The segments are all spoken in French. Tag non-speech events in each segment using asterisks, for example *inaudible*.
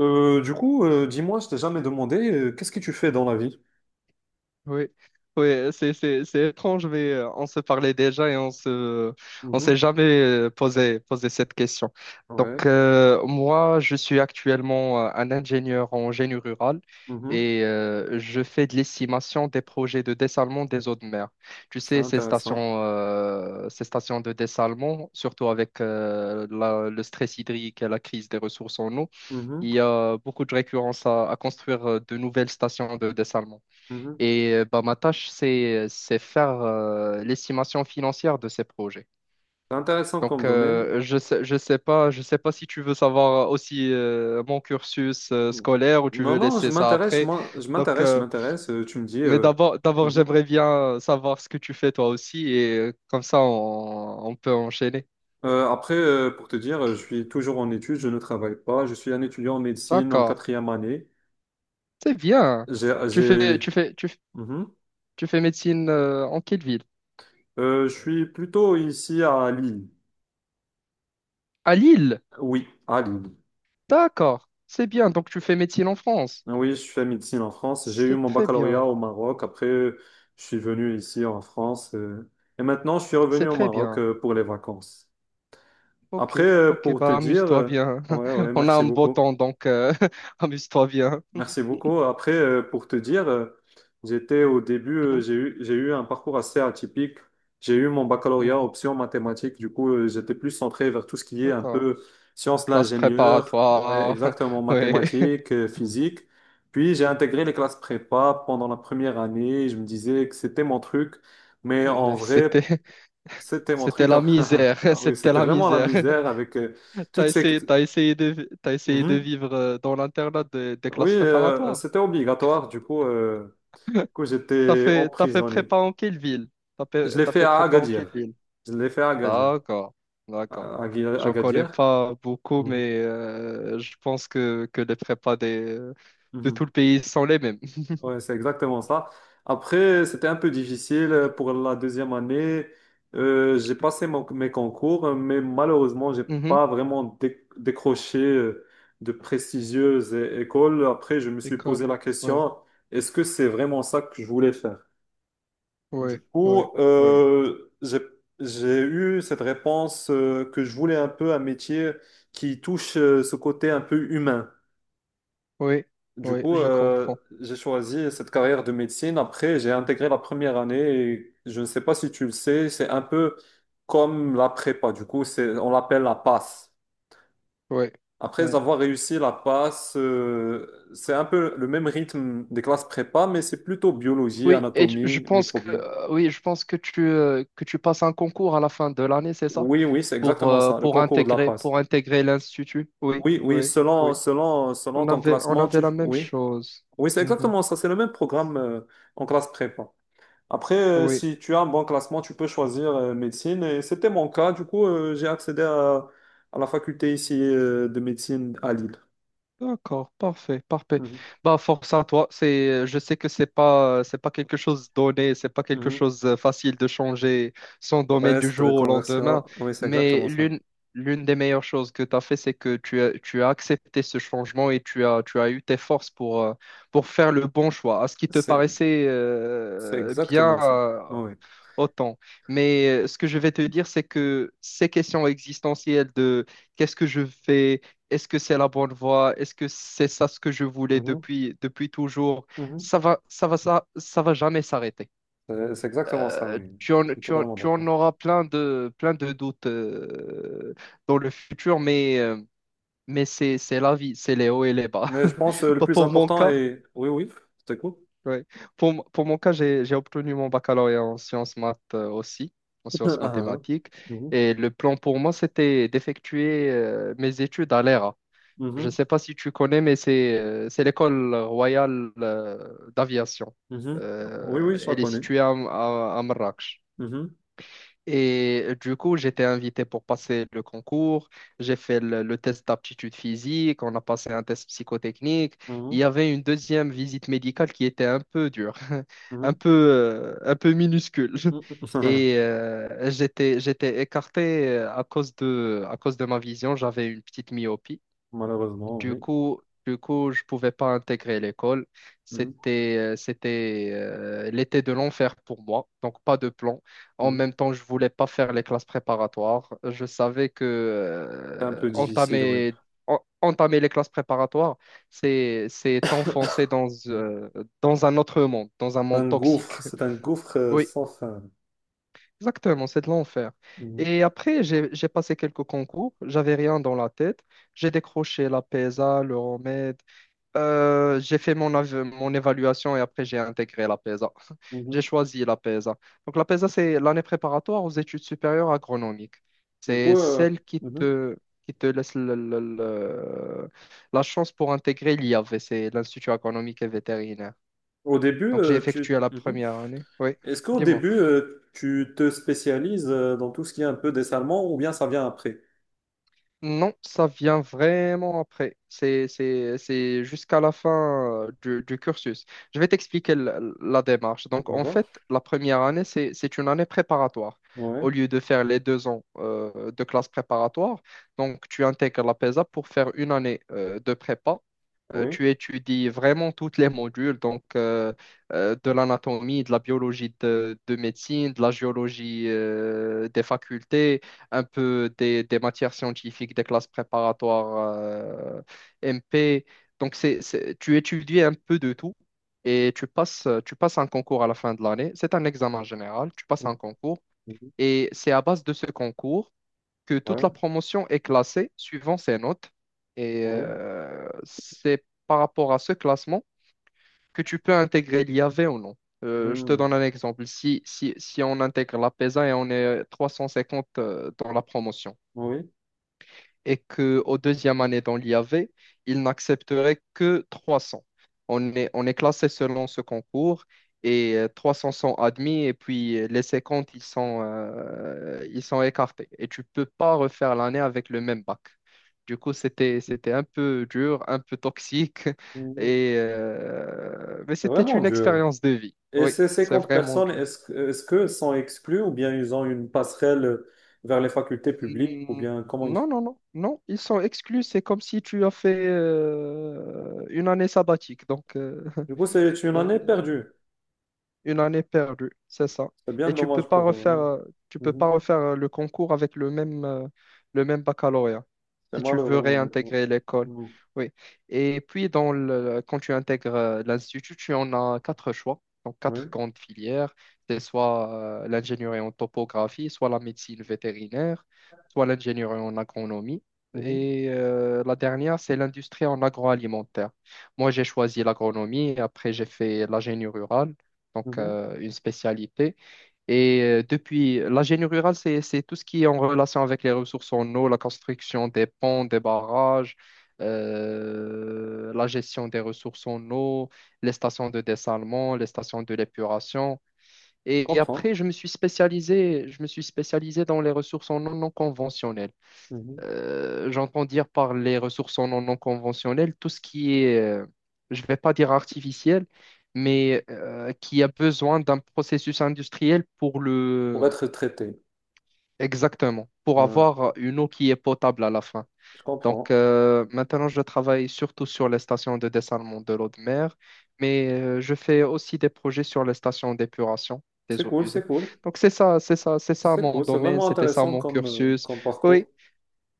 Du coup, dis-moi, je t'ai jamais demandé, qu'est-ce que tu fais dans la vie? Oui, oui, c'est étrange, mais on se parlait déjà et on s'est Mhm. jamais posé cette question. Ouais. Moi, je suis actuellement un ingénieur en génie rural Mhm. et je fais de l'estimation des projets de dessalement des eaux de mer. Tu C'est sais, ces intéressant. Stations de dessalement, surtout avec le stress hydrique et la crise des ressources en eau, Mhm. il y a beaucoup de récurrence à construire de nouvelles stations de dessalement. Mhm. Et bah, ma tâche, c'est faire l'estimation financière de ces projets. C'est intéressant comme domaine. Je sais pas si tu veux savoir aussi mon cursus Mmh. scolaire ou tu Non, veux non, je laisser ça m'intéresse, après. Je Donc, m'intéresse, je euh, m'intéresse. Tu me dis. mais d'abord, d'abord, Mhm. j'aimerais bien savoir ce que tu fais toi aussi et comme ça, on peut enchaîner. Après, pour te dire, je suis toujours en études, je ne travaille pas. Je suis un étudiant en médecine en D'accord, quatrième année. c'est bien. J'ai, Tu fais, j'ai- tu fais, tu, f- mhm. tu fais médecine en quelle ville? Je suis plutôt ici à Lille. À Lille. Oui, à Lille. D'accord, c'est bien. Donc, tu fais médecine en France. Ah oui, je fais médecine en France. J'ai eu C'est mon très baccalauréat bien. au Maroc. Après, je suis venu ici en France. Et maintenant, je suis revenu C'est au très Maroc bien. Pour les vacances. Ok, Après, ok, pour te bah dire, amuse-toi bien. ouais, ouais, *laughs* On a merci un beau beaucoup. temps, donc *laughs* amuse-toi bien. Merci beaucoup. Après, pour te dire, j'étais au début, Mhm, j'ai eu un parcours assez atypique. J'ai eu mon baccalauréat mhm, option mathématiques. Du coup, j'étais plus centré vers tout ce qui est un d'accord. peu sciences de Classe l'ingénieur. Ouais, préparatoire. exactement, *laughs* mathématiques, physique. Puis, j'ai Oui. intégré les classes prépa pendant la première année. Je me disais que c'était mon truc. Mais en Mais vrai, C'était, c'était mon C'était truc. la *laughs* misère. *laughs* Ah oui, C'était c'était la vraiment la misère. misère avec *laughs* T'as toutes ces. essayé, t'as essayé de, t'as essayé de Mhm. vivre dans l'internat des Oui, classes préparatoires. c'était obligatoire. Du coup, T'as j'étais fait, t'as fait emprisonné. prépa en quelle ville? T'as Je fait, l'ai t'as fait fait à prépa en quelle Agadir. ville? Je l'ai fait à Agadir. D'accord, d'accord. À J'en connais Agadir. pas beaucoup, Mhm. mais je pense que les prépas des, de tout Mhm. le pays sont les mêmes. Ouais, c'est exactement ça. Après, c'était un peu difficile pour la deuxième année. J'ai passé mes concours, mais malheureusement, j'ai Mhm. pas vraiment décroché de prestigieuses écoles. Après, je me suis posé École. la Ouais, question, est-ce que c'est vraiment ça que je voulais faire? Du ouais, ouais, coup, ouais, j'ai eu cette réponse que je voulais un peu un métier qui touche ce côté un peu humain. oui, Du oui, coup, je comprends. j'ai choisi cette carrière de médecine. Après, j'ai intégré la première année et je ne sais pas si tu le sais, c'est un peu comme la prépa. Du coup, on l'appelle la passe. Ouais, Après ouais. avoir réussi la passe, c'est un peu le même rythme des classes prépa, mais c'est plutôt biologie, Oui, et je anatomie, pense que microbiome. Oui, je pense que tu passes un concours à la fin de l'année, c'est ça? Oui, oui, c'est exactement ça, le concours de la passe. Pour intégrer l'institut. Oui, Oui, oui, oui, selon, oui. selon, selon On ton avait on classement, avait la même oui. chose. Oui, c'est Mhm. exactement ça, c'est le même programme en classe prépa. Après, Oui. si tu as un bon classement, tu peux choisir médecine. Et c'était mon cas, du coup, j'ai accédé à la faculté ici de médecine à Lille. D'accord, parfait, parfait. Mhm, Bah, force à toi. Je sais que c'est pas quelque chose donné, c'est pas quelque mhm. chose facile de changer son domaine Ouais, du cette jour au lendemain. reconversion, oui, c'est exactement Mais ça. l'une, L'une des meilleures choses que tu as fait, c'est que tu as accepté ce changement et tu as eu tes forces pour faire le bon choix. À ce qui te C'est paraissait c'est bien, exactement ça. Oui. autant. Mais ce que je vais te dire, c'est que ces questions existentielles de qu'est-ce que je fais, est-ce que c'est la bonne voie, est-ce que c'est ça ce que je voulais Mhm, depuis, depuis toujours, mhm. Ça va jamais s'arrêter. C'est exactement ça, Euh, oui. tu Je en, suis tu en, totalement tu en d'accord. auras plein plein de doutes dans le futur, mais c'est la vie, c'est les hauts et les bas. Mais je pense *laughs* le Pas plus pour mon important cas. est. Oui, oui, c'est cool. Ouais. Pour mon cas, j'ai obtenu mon baccalauréat en sciences maths aussi, en *laughs* Ah, sciences ah. mathématiques. Mhm, Et le plan pour moi, c'était d'effectuer mes études à l'ERA. Je ne mhm, sais pas si tu connais, mais c'est l'école royale d'aviation. mhm. Oui, oui, je la Elle est connais. située à Marrakech. Mhm, Et du coup, j'étais invité pour passer le concours. J'ai fait le test d'aptitude physique. On a passé un test psychotechnique. mhm, Il y avait une deuxième visite médicale qui était un peu dure, *laughs* mhm, un peu minuscule. mhm. Et *laughs* j'étais écarté à cause de ma vision. J'avais une petite myopie. Malheureusement, oui. Du coup, je pouvais pas intégrer l'école. Mhm, C'était l'été de l'enfer pour moi, donc pas de plan. En mhm. même temps, je voulais pas faire les classes préparatoires. Je savais que C'est un peu difficile, oui. Entamer les classes préparatoires, c'est t'enfoncer dans, Mhm. Dans un autre monde, dans un monde Un gouffre, toxique. *laughs* c'est un gouffre Oui, sans fin. exactement, c'est de l'enfer. Mhm, Et après, j'ai passé quelques concours. J'avais rien dans la tête. J'ai décroché la PESA, le remède. J'ai fait mon évaluation et après j'ai intégré la PESA. *laughs* mhm. J'ai choisi la PESA. Donc la PESA, c'est l'année préparatoire aux études supérieures agronomiques. Du C'est coup, celle qui mhm. te, qui te laisse la chance pour intégrer l'IAV, c'est l'Institut agronomique et vétérinaire. Au début, Donc j'ai effectué la mhm. première année. Oui, Est-ce qu'au dis-moi. début, tu te spécialises dans tout ce qui est un peu dessalement ou bien ça vient après? Non, ça vient vraiment après. C'est jusqu'à la fin du cursus. Je vais t'expliquer la démarche. Donc, en D'accord? fait, la première année, c'est une année préparatoire. Ouais, Au lieu de faire les deux ans de classe préparatoire, donc tu intègres la PESA pour faire une année de prépa oui. Tu étudies vraiment toutes les modules, de l'anatomie, de la biologie de médecine, de la géologie des facultés, un peu des matières scientifiques, des classes préparatoires MP. Tu étudies un peu de tout et tu passes un concours à la fin de l'année. C'est un examen général, tu passes Mhm, un concours mhm. et c'est à base de ce concours que toute Ouais, la promotion est classée suivant ses notes. Et oui. C'est par rapport à ce classement que tu peux intégrer l'IAV ou non. Je te Mhm, donne un exemple. Si on intègre la PESA et on est 350 dans la promotion, oui. et qu'au deuxième année dans l'IAV, ils n'accepteraient que 300. On est classé selon ce concours et 300 sont admis et puis les 50, ils sont écartés. Et tu peux pas refaire l'année avec le même bac. Du coup, c'était un peu dur, un peu toxique, *laughs* Mhm. Mais C'est c'était vraiment une dur. expérience de vie. Et Oui, ces c'est 50 vraiment personnes, dur. Est-ce que sont exclues ou bien ils ont une passerelle vers les facultés publiques ou Mm, bien comment ils Non, font? non, non, non, ils sont exclus. C'est comme si tu as fait une année sabbatique. Du coup, c'est une année *laughs* perdue. Une année perdue, c'est ça. C'est bien Et dommage pour eux. Hein. Tu peux Mhm. pas refaire le concours avec le même baccalauréat C'est si tu malheureux, veux honnêtement. réintégrer l'école. Mhm. Oui. Et puis dans le, quand tu intègres l'institut, tu en as quatre choix, donc quatre Oui. grandes filières. C'est soit l'ingénierie en topographie, soit la médecine vétérinaire, soit l'ingénierie en agronomie. Mhm. Et la dernière, c'est l'industrie en agroalimentaire. Moi, j'ai choisi l'agronomie, et après j'ai fait l'ingénierie rurale donc Mhm. Une spécialité. Et depuis, la génie rurale, c'est tout ce qui est en relation avec les ressources en eau, la construction des ponts, des barrages, la gestion des ressources en eau, les stations de dessalement, les stations de l'épuration. Et après, Comprends. Je me suis spécialisé dans les ressources en eau non conventionnelles. Mhm. J'entends dire par les ressources non conventionnelles, tout ce qui est, je ne vais pas dire artificiel, mais qui a besoin d'un processus industriel pour Pour le... être traité. Exactement, pour Ouais. avoir une eau qui est potable à la fin. Je Donc comprends. Maintenant, je travaille surtout sur les stations de dessalement de l'eau de mer, mais je fais aussi des projets sur les stations d'épuration C'est des eaux cool, usées. c'est cool. Donc c'est ça C'est mon cool. C'est domaine, vraiment c'était ça intéressant mon cursus. comme Oui, parcours.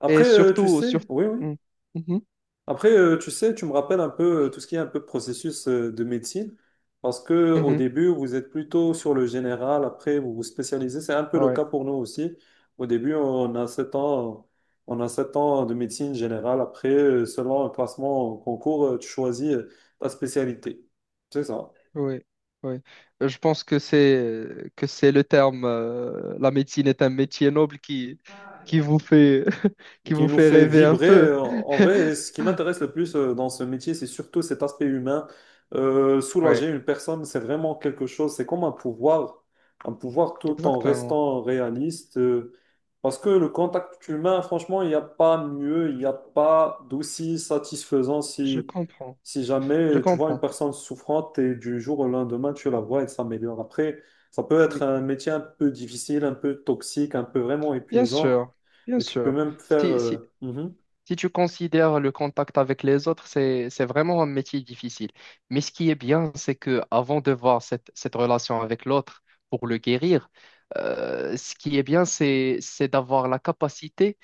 Après, et tu surtout, sur... sais, oui, oui. Mm. Mhm. Après, tu sais, tu me rappelles un peu tout ce qui est un peu processus de médecine, parce que au Mhm. début, vous êtes plutôt sur le général, après, vous vous spécialisez. C'est un peu le Ouais, cas pour nous aussi. Au début, on a sept ans de médecine générale. Après, selon un classement au concours, tu choisis ta spécialité. C'est ça. ouais, ouais. Je pense que c'est le terme. La médecine est un métier noble qui vous fait *laughs* Et qui qui vous nous fait fait rêver un vibrer. peu. En vrai, ce *laughs* qui m'intéresse le plus dans ce métier, c'est surtout cet aspect humain. Ouais, Soulager une personne, c'est vraiment quelque chose, c'est comme un pouvoir tout en exactement. restant réaliste. Parce que le contact humain, franchement, il n'y a pas mieux, il n'y a pas d'aussi satisfaisant Je si, comprends. si Je jamais tu vois une comprends. personne souffrante et du jour au lendemain, tu la vois, elle s'améliore. Après, ça peut être Oui, un métier un peu difficile, un peu toxique, un peu vraiment bien épuisant. sûr, bien Et tu peux sûr. même faire. Si, si- Mhm. Si tu considères le contact avec les autres, c'est vraiment un métier difficile. Mais ce qui est bien, c'est que avant de voir cette relation avec l'autre pour le guérir, ce qui est bien, c'est d'avoir la capacité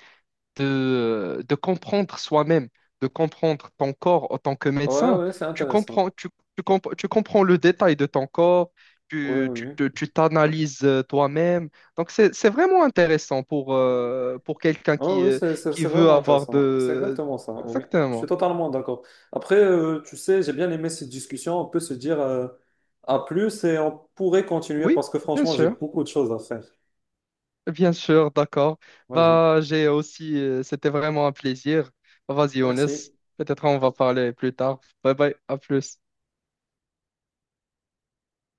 de comprendre soi-même, de comprendre ton corps en tant que Ouais, médecin. ouais, c'est Tu intéressant. comprends, tu comp- tu comprends le détail de ton corps, Ouais, oui, oui. Tu t'analyses toi-même. Donc, c'est vraiment intéressant pour quelqu'un Oh oui, qui c'est veut vraiment avoir intéressant. C'est de... exactement ça. Oui, je suis Exactement. totalement d'accord. Après, tu sais, j'ai bien aimé cette discussion. On peut se dire à plus et on pourrait continuer Oui, parce que bien franchement, j'ai sûr. beaucoup de choses à faire. Bien sûr, d'accord. Vas-y. Bah, j'ai aussi, c'était vraiment un plaisir. Vas-y, Younes, Merci. peut-être on va parler plus tard. Bye bye, à plus.